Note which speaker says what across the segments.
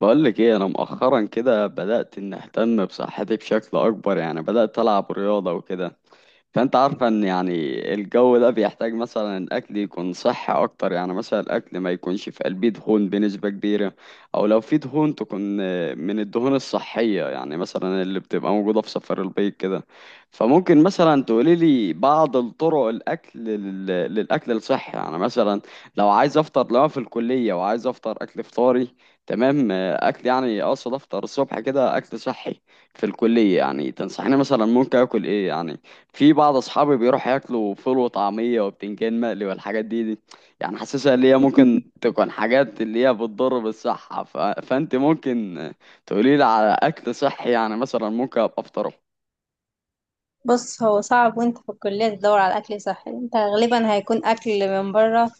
Speaker 1: بقولك ايه، انا مؤخرا كده بدأت ان اهتم بصحتي بشكل اكبر. يعني بدأت العب رياضة وكده. فانت عارفة ان يعني، الجو ده بيحتاج مثلا الاكل يكون صحي اكتر. يعني مثلا الاكل ما يكونش في قلبيه دهون بنسبة كبيرة، او لو في دهون تكون من الدهون الصحية، يعني مثلا اللي بتبقى موجودة في صفار البيض كده. فممكن مثلا تقولي لي بعض الطرق الاكل للاكل الصحي، يعني مثلا لو عايز افطر لو أنا في الكلية وعايز افطر اكل فطاري. تمام. اكل، يعني اقصد افطر الصبح كده اكل صحي في الكلية. يعني تنصحني مثلا ممكن اكل ايه يعني؟ في بعض اصحابي بيروحوا ياكلوا فول وطعميه وبتنجان مقلي والحاجات دي. يعني حاسسها اللي هي ممكن تكون حاجات اللي هي بتضر بالصحه، فانت ممكن تقولي لي على اكل صحي، يعني مثلا ممكن ابقى افطره.
Speaker 2: بص هو صعب وانت في الكلية تدور على أكل صحي. انت غالبا هيكون أكل من بره،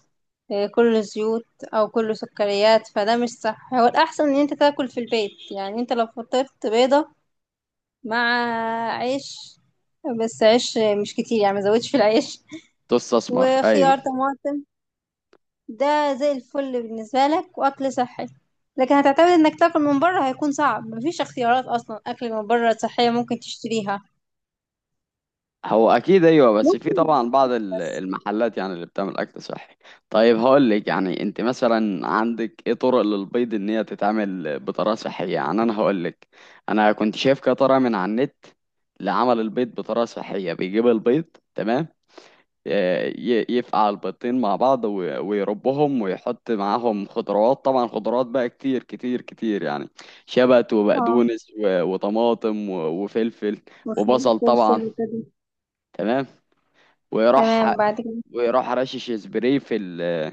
Speaker 2: كله زيوت أو كله سكريات. فده مش صح، هو الأحسن إن انت تاكل في البيت. يعني انت لو فطرت بيضة مع عيش، بس عيش مش كتير يعني مزودش في العيش،
Speaker 1: تستثمر، ايوه.
Speaker 2: وخيار طماطم، ده زي الفل بالنسبة لك وأكل صحي. لكن هتعتمد انك تاكل من بره، هيكون صعب، مفيش اختيارات اصلا اكل من بره صحية ممكن تشتريها.
Speaker 1: هو اكيد ايوه، بس في
Speaker 2: ممكن
Speaker 1: طبعا بعض
Speaker 2: بسكوت بس.
Speaker 1: المحلات يعني اللي بتعمل اكل صحي. طيب، هقول لك، يعني انت مثلا عندك ايه طرق للبيض ان هي تتعمل بطريقه صحيه؟ يعني انا هقول لك، انا كنت شايف كده طريقه من على النت لعمل البيض بطريقه صحيه. بيجيب البيض، تمام. يفقع البيضتين مع بعض ويربهم ويحط معاهم خضروات، طبعا خضروات بقى كتير كتير كتير، يعني شبت
Speaker 2: اه،
Speaker 1: وبقدونس وطماطم وفلفل
Speaker 2: مفهوم،
Speaker 1: وبصل طبعا.
Speaker 2: فلفل وكده.
Speaker 1: تمام. وراح
Speaker 2: تمام بعد كده.
Speaker 1: وراح رشش سبراي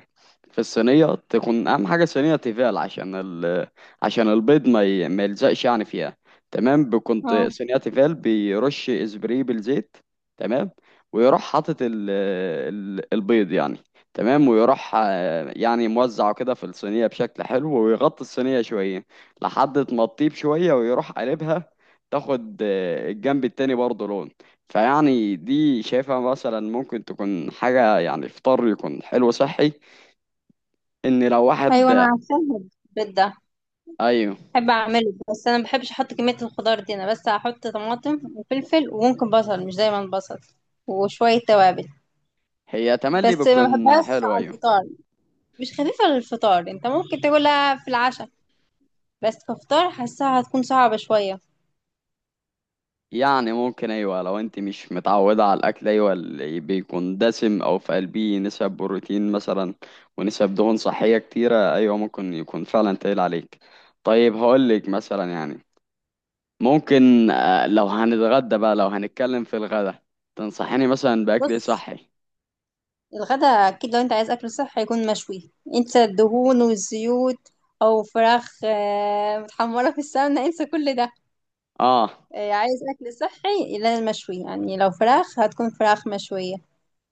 Speaker 1: في الصينية، تكون أهم حاجة صينية تيفال، عشان عشان البيض ما يلزقش يعني فيها. تمام. كنت
Speaker 2: اه،
Speaker 1: صينية تيفال بيرش سبراي بالزيت. تمام. ويروح حاطط البيض يعني. تمام. ويروح يعني موزعه كده في الصينية بشكل حلو، ويغطي الصينية شوية لحد ما تطيب شوية، ويروح قلبها، تاخد الجنب التاني برضه لون. فيعني دي شايفها مثلا ممكن تكون حاجة، يعني فطار يكون حلو صحي ان لو واحد.
Speaker 2: ايوه انا عارفاها، البيت ده
Speaker 1: ايوه.
Speaker 2: بحب اعمله، بس انا ما بحبش احط كميه الخضار دي، انا بس هحط طماطم وفلفل وممكن بصل، مش دايما بصل، وشويه توابل.
Speaker 1: هي تملي
Speaker 2: بس ما
Speaker 1: بتكون
Speaker 2: بحبهاش
Speaker 1: حلو،
Speaker 2: على
Speaker 1: ايوه.
Speaker 2: الفطار، مش خفيفه للفطار، انت ممكن تاكلها في العشاء، بس كفطار حاساها هتكون صعبه شويه.
Speaker 1: يعني ممكن، ايوه لو انت مش متعودة على الاكل، ايوه اللي بيكون دسم او في قلبيه نسب بروتين مثلا، ونسب دهون صحية كتيرة، ايوه ممكن يكون فعلا تقيل عليك. طيب، هقولك مثلا يعني، ممكن لو هنتغدى بقى لو هنتكلم في الغدا، تنصحيني مثلا باكل إيه
Speaker 2: بص،
Speaker 1: صحي؟
Speaker 2: الغدا اكيد لو انت عايز اكل صحي هيكون مشوي، انسى الدهون والزيوت، او فراخ متحمره في السمنه، انسى كل ده.
Speaker 1: اه،
Speaker 2: عايز أكل صحي لازم مشوي، يعني لو فراخ هتكون فراخ مشوية،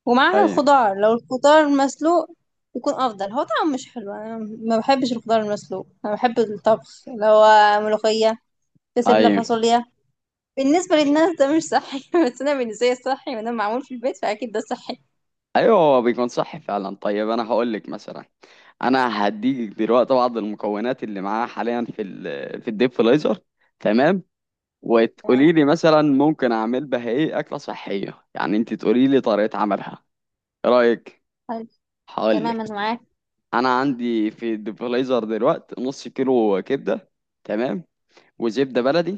Speaker 2: ومعاها
Speaker 1: ايوه،
Speaker 2: الخضار، لو الخضار مسلوق يكون أفضل. هو طعمه مش حلو، أنا ما بحبش الخضار المسلوق، أنا بحب الطبخ اللي هو ملوخية، بسلة،
Speaker 1: ايوه،
Speaker 2: فاصوليا. بالنسبة للناس ده مش صحي بس أنا بالنسبة لي صحي، وأنا معمول في البيت فأكيد ده صحي.
Speaker 1: ايوه، هو بيكون صح فعلا. طيب، انا هقول لك مثلا، انا هديك دلوقتي بعض المكونات اللي معاها حاليا في الديب فريزر. تمام. وتقولي
Speaker 2: تمام.
Speaker 1: لي مثلا ممكن اعمل بها ايه اكله صحيه؟ يعني انت تقولي لي طريقه عملها. ايه رايك؟
Speaker 2: حلو.
Speaker 1: هقول
Speaker 2: تمام
Speaker 1: لك،
Speaker 2: أنا معاك.
Speaker 1: انا عندي في الديب فريزر دلوقتي نص كيلو كبده. تمام. وزبده بلدي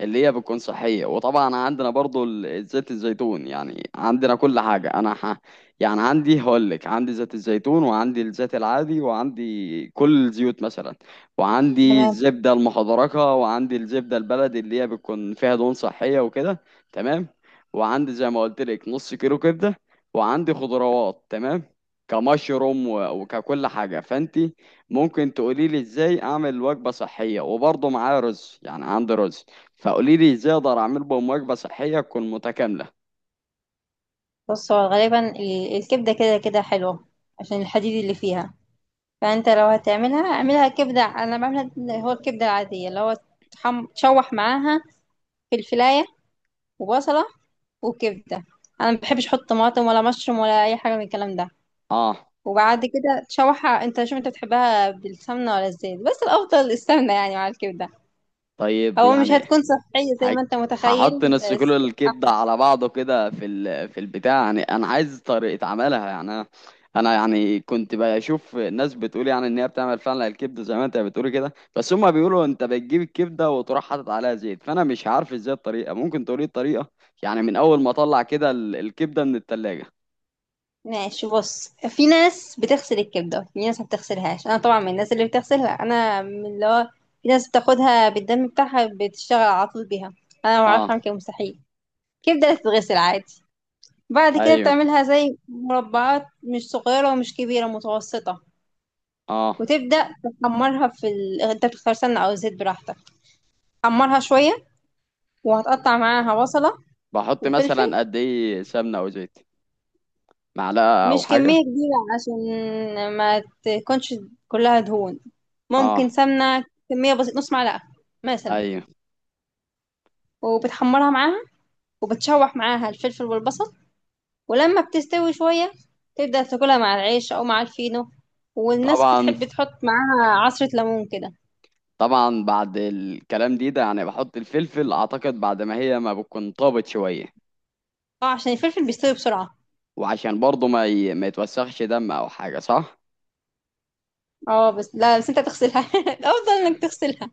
Speaker 1: اللي هي بتكون صحية، وطبعا عندنا برضو زيت الزيتون. يعني عندنا كل حاجة، يعني عندي، هقولك عندي زيت الزيتون، وعندي الزيت العادي، وعندي كل الزيوت مثلا، وعندي
Speaker 2: تمام،
Speaker 1: الزبدة المحضركة، وعندي الزبدة البلدي اللي هي بتكون فيها دهون صحية وكده. تمام. وعندي زي ما قلت لك نص كيلو كبدة، وعندي خضروات. تمام. كمشروم وككل حاجة. فأنت ممكن تقولي لي إزاي أعمل وجبة صحية؟ وبرضه معايا رز، يعني عندي رز، فقولي لي ازاي اقدر اعمل بهم وجبه صحيه تكون متكامله.
Speaker 2: بص هو غالبا الكبدة كده كده حلوة، عشان الحديد اللي فيها. فانت لو هتعملها اعملها كبدة، انا بعملها اللي هو الكبدة العادية، اللي هو تشوح معاها فلفلاية وبصلة وكبدة، انا ما بحبش احط طماطم ولا مشروم ولا اي حاجة من الكلام ده.
Speaker 1: اه.
Speaker 2: وبعد كده تشوحها، انت شوف انت بتحبها بالسمنة ولا الزيت، بس الافضل السمنة يعني مع الكبدة،
Speaker 1: طيب،
Speaker 2: او مش
Speaker 1: يعني،
Speaker 2: هتكون صحية زي
Speaker 1: ه-
Speaker 2: ما انت متخيل.
Speaker 1: هحط نص كيلو
Speaker 2: بس
Speaker 1: الكبده على بعضه كده في البتاع، يعني انا عايز طريقه عملها. يعني انا، أنا يعني كنت بشوف ناس بتقول يعني ان هي بتعمل فعلا الكبده زي ما انت بتقولي كده، بس هما بيقولوا انت بتجيب الكبده وتروح حاطط عليها زيت. فانا مش عارف ازاي الطريقه، ممكن تقولي الطريقه، يعني من اول ما اطلع كده الكبده من التلاجة.
Speaker 2: ماشي. بص، في ناس بتغسل الكبدة، في ناس ما بتغسلهاش، انا طبعا من الناس اللي بتغسلها، انا من اللي هو، في ناس بتاخدها بالدم بتاعها بتشتغل على طول بيها، انا ما بعرفش اعمل
Speaker 1: اه،
Speaker 2: كده، مستحيل. الكبدة بتتغسل عادي، بعد كده
Speaker 1: ايوه،
Speaker 2: بتعملها زي مربعات مش صغيرة ومش كبيرة، متوسطة،
Speaker 1: اه.
Speaker 2: وتبدأ تحمرها في انت بتختار سمنة او زيت براحتك، حمرها شوية، وهتقطع معاها بصلة
Speaker 1: بحط
Speaker 2: وفلفل،
Speaker 1: مثلا قد ايه سمنه او زيت؟ معلقة أو
Speaker 2: مش
Speaker 1: حاجة؟
Speaker 2: كمية كبيرة عشان ما تكونش كلها دهون، ممكن
Speaker 1: اه،
Speaker 2: سمنة كمية بسيطة نص معلقة مثلا،
Speaker 1: أيوه،
Speaker 2: وبتحمرها معاها، وبتشوح معاها الفلفل والبصل، ولما بتستوي شوية تبدأ تاكلها مع العيش أو مع الفينو، والناس
Speaker 1: طبعا،
Speaker 2: بتحب تحط معاها عصرة ليمون كده.
Speaker 1: طبعا. بعد الكلام ده يعني بحط الفلفل، أعتقد بعد ما هي ما بتكون طابت شوية.
Speaker 2: اه، عشان الفلفل بيستوي بسرعة.
Speaker 1: وعشان برضه ما يتوسخش دم أو حاجة، صح؟
Speaker 2: اه، بس لا، بس انت هتغسلها الأفضل انك تغسلها.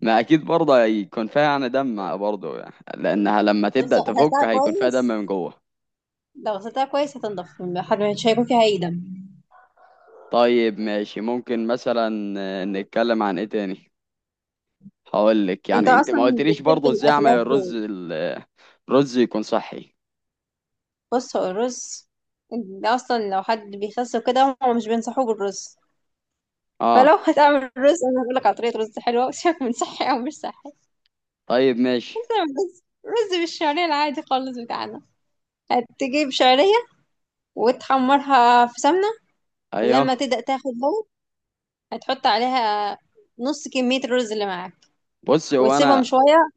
Speaker 1: ما أكيد برضه هيكون فيها يعني دم برضه، يعني لأنها لما
Speaker 2: بس
Speaker 1: تبدأ تفك هيكون فيها دم من جوه.
Speaker 2: لو غسلتها كويس هتنضف، مش هيكون فيها أي دم.
Speaker 1: طيب، ماشي. ممكن مثلا نتكلم عن إيه تاني؟ هقولك،
Speaker 2: انت
Speaker 1: يعني أنت
Speaker 2: اصلا
Speaker 1: ما قلتليش
Speaker 2: بتحب
Speaker 1: برضه إزاي أعمل
Speaker 2: الاكلات.
Speaker 1: الرز الرز يكون صحي.
Speaker 2: بص، هو الرز ده اصلا لو حد بيخس وكده هم مش بينصحوه بالرز، فلو
Speaker 1: اه،
Speaker 2: هتعمل رز انا هقول لك على طريقه رز حلوه وشك من صحي او مش صحي.
Speaker 1: طيب،
Speaker 2: انت
Speaker 1: ماشي،
Speaker 2: تعمل رز بالشعريه العادي خالص بتاعنا، هتجيب شعريه وتحمرها في سمنه، ولما
Speaker 1: ايوه.
Speaker 2: تبدا تاخد لون هتحط عليها نص كميه الرز اللي معاك
Speaker 1: بص هو
Speaker 2: وتسيبهم
Speaker 1: انا
Speaker 2: شويه.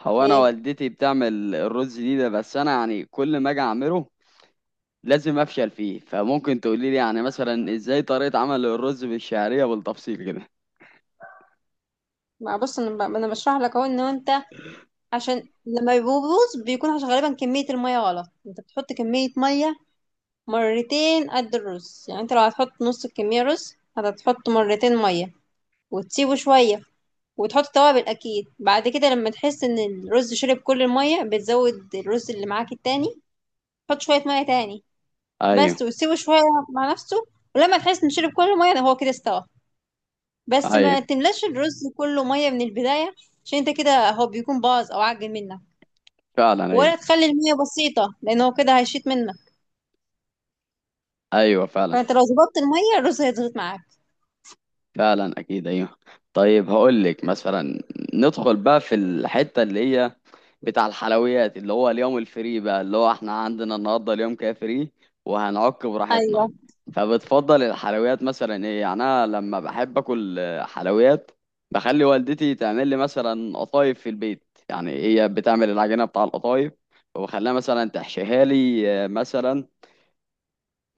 Speaker 1: هو انا
Speaker 2: ايه.
Speaker 1: والدتي بتعمل الرز ده، بس انا يعني كل ما اجي اعمله لازم افشل فيه. فممكن تقولي لي يعني مثلا ازاي طريقة عمل الرز بالشعرية بالتفصيل كده؟
Speaker 2: ما بص، أنا بشرح لك اهو، ان انت عشان لما بيبوظ بيكون عشان غالبا كميه الميه غلط، انت بتحط كميه ميه مرتين قد الرز، يعني انت لو هتحط نص الكمية رز هتحط مرتين مية، وتسيبه شوية، وتحط توابل أكيد، بعد كده لما تحس إن الرز شرب كل المية بتزود الرز اللي معاك التاني، تحط شوية مية تاني
Speaker 1: ايوه،
Speaker 2: بس، وتسيبه شوية مع نفسه، ولما تحس إن شرب كل المية ده هو كده استوى. بس ما
Speaker 1: ايوه،
Speaker 2: تملاش الرز كله مية من البداية، عشان انت كده هو بيكون باظ أو عجن منك،
Speaker 1: فعلا، ايوه،
Speaker 2: ولا تخلي المية بسيطة لأن هو كده هيشيط منك،
Speaker 1: ايوه، فعلا،
Speaker 2: فانت لو ظبطت المية الرز هيضغط معاك.
Speaker 1: فعلا، اكيد ايوه. طيب، هقول لك مثلا، ندخل بقى في الحته اللي هي بتاع الحلويات، اللي هو اليوم الفري بقى، اللي هو احنا عندنا النهارده اليوم كده فري وهنعك براحتنا.
Speaker 2: ايوه.
Speaker 1: فبتفضل الحلويات مثلا ايه؟ يعني انا لما بحب اكل حلويات، بخلي والدتي تعمل لي مثلا قطايف في البيت. يعني هي بتعمل العجينه بتاع القطايف، وبخليها مثلا تحشيها لي مثلا،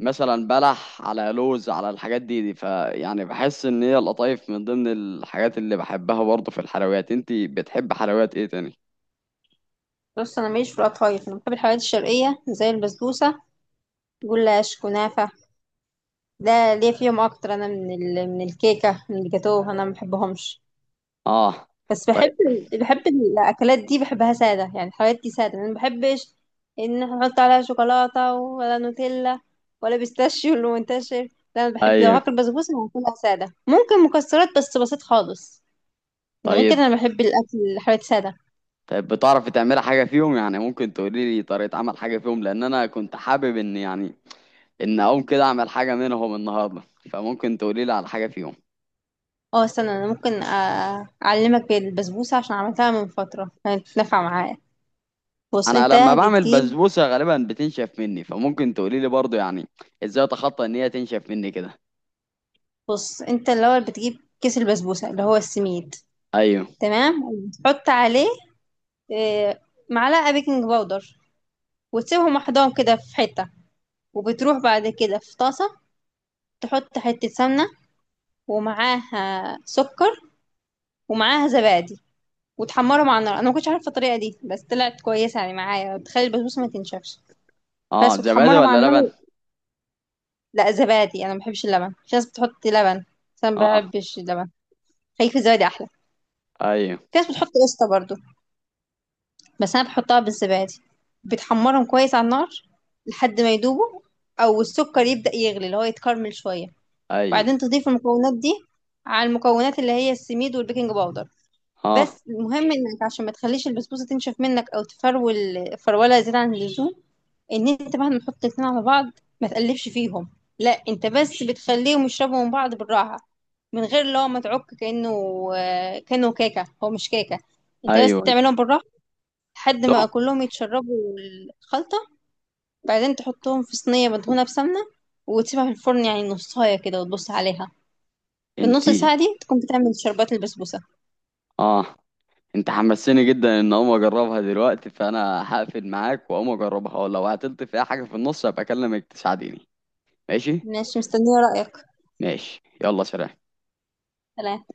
Speaker 1: مثلا بلح، على لوز، على الحاجات دي. فيعني بحس ان هي القطايف من ضمن الحاجات اللي بحبها برضه في الحلويات. انتي بتحب حلويات ايه تاني؟
Speaker 2: بص، انا ماليش في القطايف، انا بحب الحلويات الشرقيه زي البسبوسه، جلاش، كنافه، ده ليا فيهم اكتر، انا من من الكيكه من الجاتوه انا ما بحبهمش.
Speaker 1: اه،
Speaker 2: بس
Speaker 1: طيب،
Speaker 2: بحب الاكلات دي، بحبها ساده، يعني الحلويات دي ساده انا ما بحبش ان احنا نحط عليها شوكولاته ولا نوتيلا ولا بيستاشيو اللي منتشر، لا، انا بحب لو
Speaker 1: ايوه،
Speaker 2: هاكل بسبوسه هاكلها ساده، ممكن مكسرات بس بسيط خالص. غير
Speaker 1: طيب،
Speaker 2: كده انا بحب الاكل الحلويات ساده.
Speaker 1: طيب. بتعرفي تعملي حاجه فيهم؟ يعني ممكن تقولي لي طريقه عمل حاجه فيهم، لان انا كنت حابب ان يعني ان اقوم كده اعمل حاجه منهم النهارده، فممكن تقولي لي على حاجه فيهم.
Speaker 2: اه، استنى، انا ممكن اعلمك بالبسبوسه عشان عملتها من فتره، كانت نافعه معايا. بص
Speaker 1: انا
Speaker 2: انت
Speaker 1: لما بعمل
Speaker 2: بتجيب
Speaker 1: بسبوسه غالبا بتنشف مني، فممكن تقولي لي برضه يعني ازاي اتخطى ان هي تنشف مني كده؟
Speaker 2: بص انت الاول بتجيب كيس البسبوسه اللي هو السميد،
Speaker 1: ايوه.
Speaker 2: تمام، وبتحط عليه آه، معلقه بيكنج باودر، وتسيبهم محضان كده في حته، وبتروح بعد كده في طاسه تحط حته سمنه ومعاها سكر ومعاها زبادي، وتحمرهم على النار. انا ما كنتش عارفه الطريقه دي بس طلعت كويسه يعني معايا، بتخلي البسبوسه ما تنشفش.
Speaker 1: اه،
Speaker 2: بس
Speaker 1: زبادي
Speaker 2: وتحمرهم على
Speaker 1: ولا لبن؟
Speaker 2: النار. لا زبادي، انا ما بحبش اللبن، في ناس بتحط لبن بس انا ما
Speaker 1: اه،
Speaker 2: بحبش اللبن، خليك في الزبادي احلى.
Speaker 1: ايوه،
Speaker 2: في ناس بتحط قشطه برضو، بس انا بحطها بالزبادي. بتحمرهم كويس على النار لحد ما يدوبوا، او السكر يبدأ يغلي اللي هو يتكرمل شويه،
Speaker 1: ايوه،
Speaker 2: وبعدين تضيف المكونات دي على المكونات اللي هي السميد والبيكنج باودر.
Speaker 1: اه،
Speaker 2: بس المهم، انك عشان ما تخليش البسبوسه تنشف منك او تفرول فروله زياده عن اللزوم، ان انت مهما تحط الاتنين على بعض ما تقلبش فيهم، لا، انت بس بتخليهم يشربوا من بعض بالراحه، من غير اللي هو ما تعك كانه كانه كيكه، هو مش كيكه، انت بس
Speaker 1: ايوه، أيوة.
Speaker 2: تعملهم بالراحه لحد
Speaker 1: لا،
Speaker 2: ما كلهم يتشربوا الخلطه. بعدين تحطهم في صينيه مدهونه بسمنه وتسيبها في الفرن، يعني نصايه كده وتبص عليها، في النص
Speaker 1: انتي،
Speaker 2: ساعه دي تكون بتعمل شربات البسبوسه.
Speaker 1: اه، انت حمسيني جدا ان اقوم اجربها دلوقتي، فانا هقفل معاك واقوم اجربها، ولو عطلت في اي حاجه في النص هبقى اكلمك تساعديني. ماشي.
Speaker 2: ماشي، مستنيه رايك.
Speaker 1: ماشي، يلا، سلام.
Speaker 2: سلام.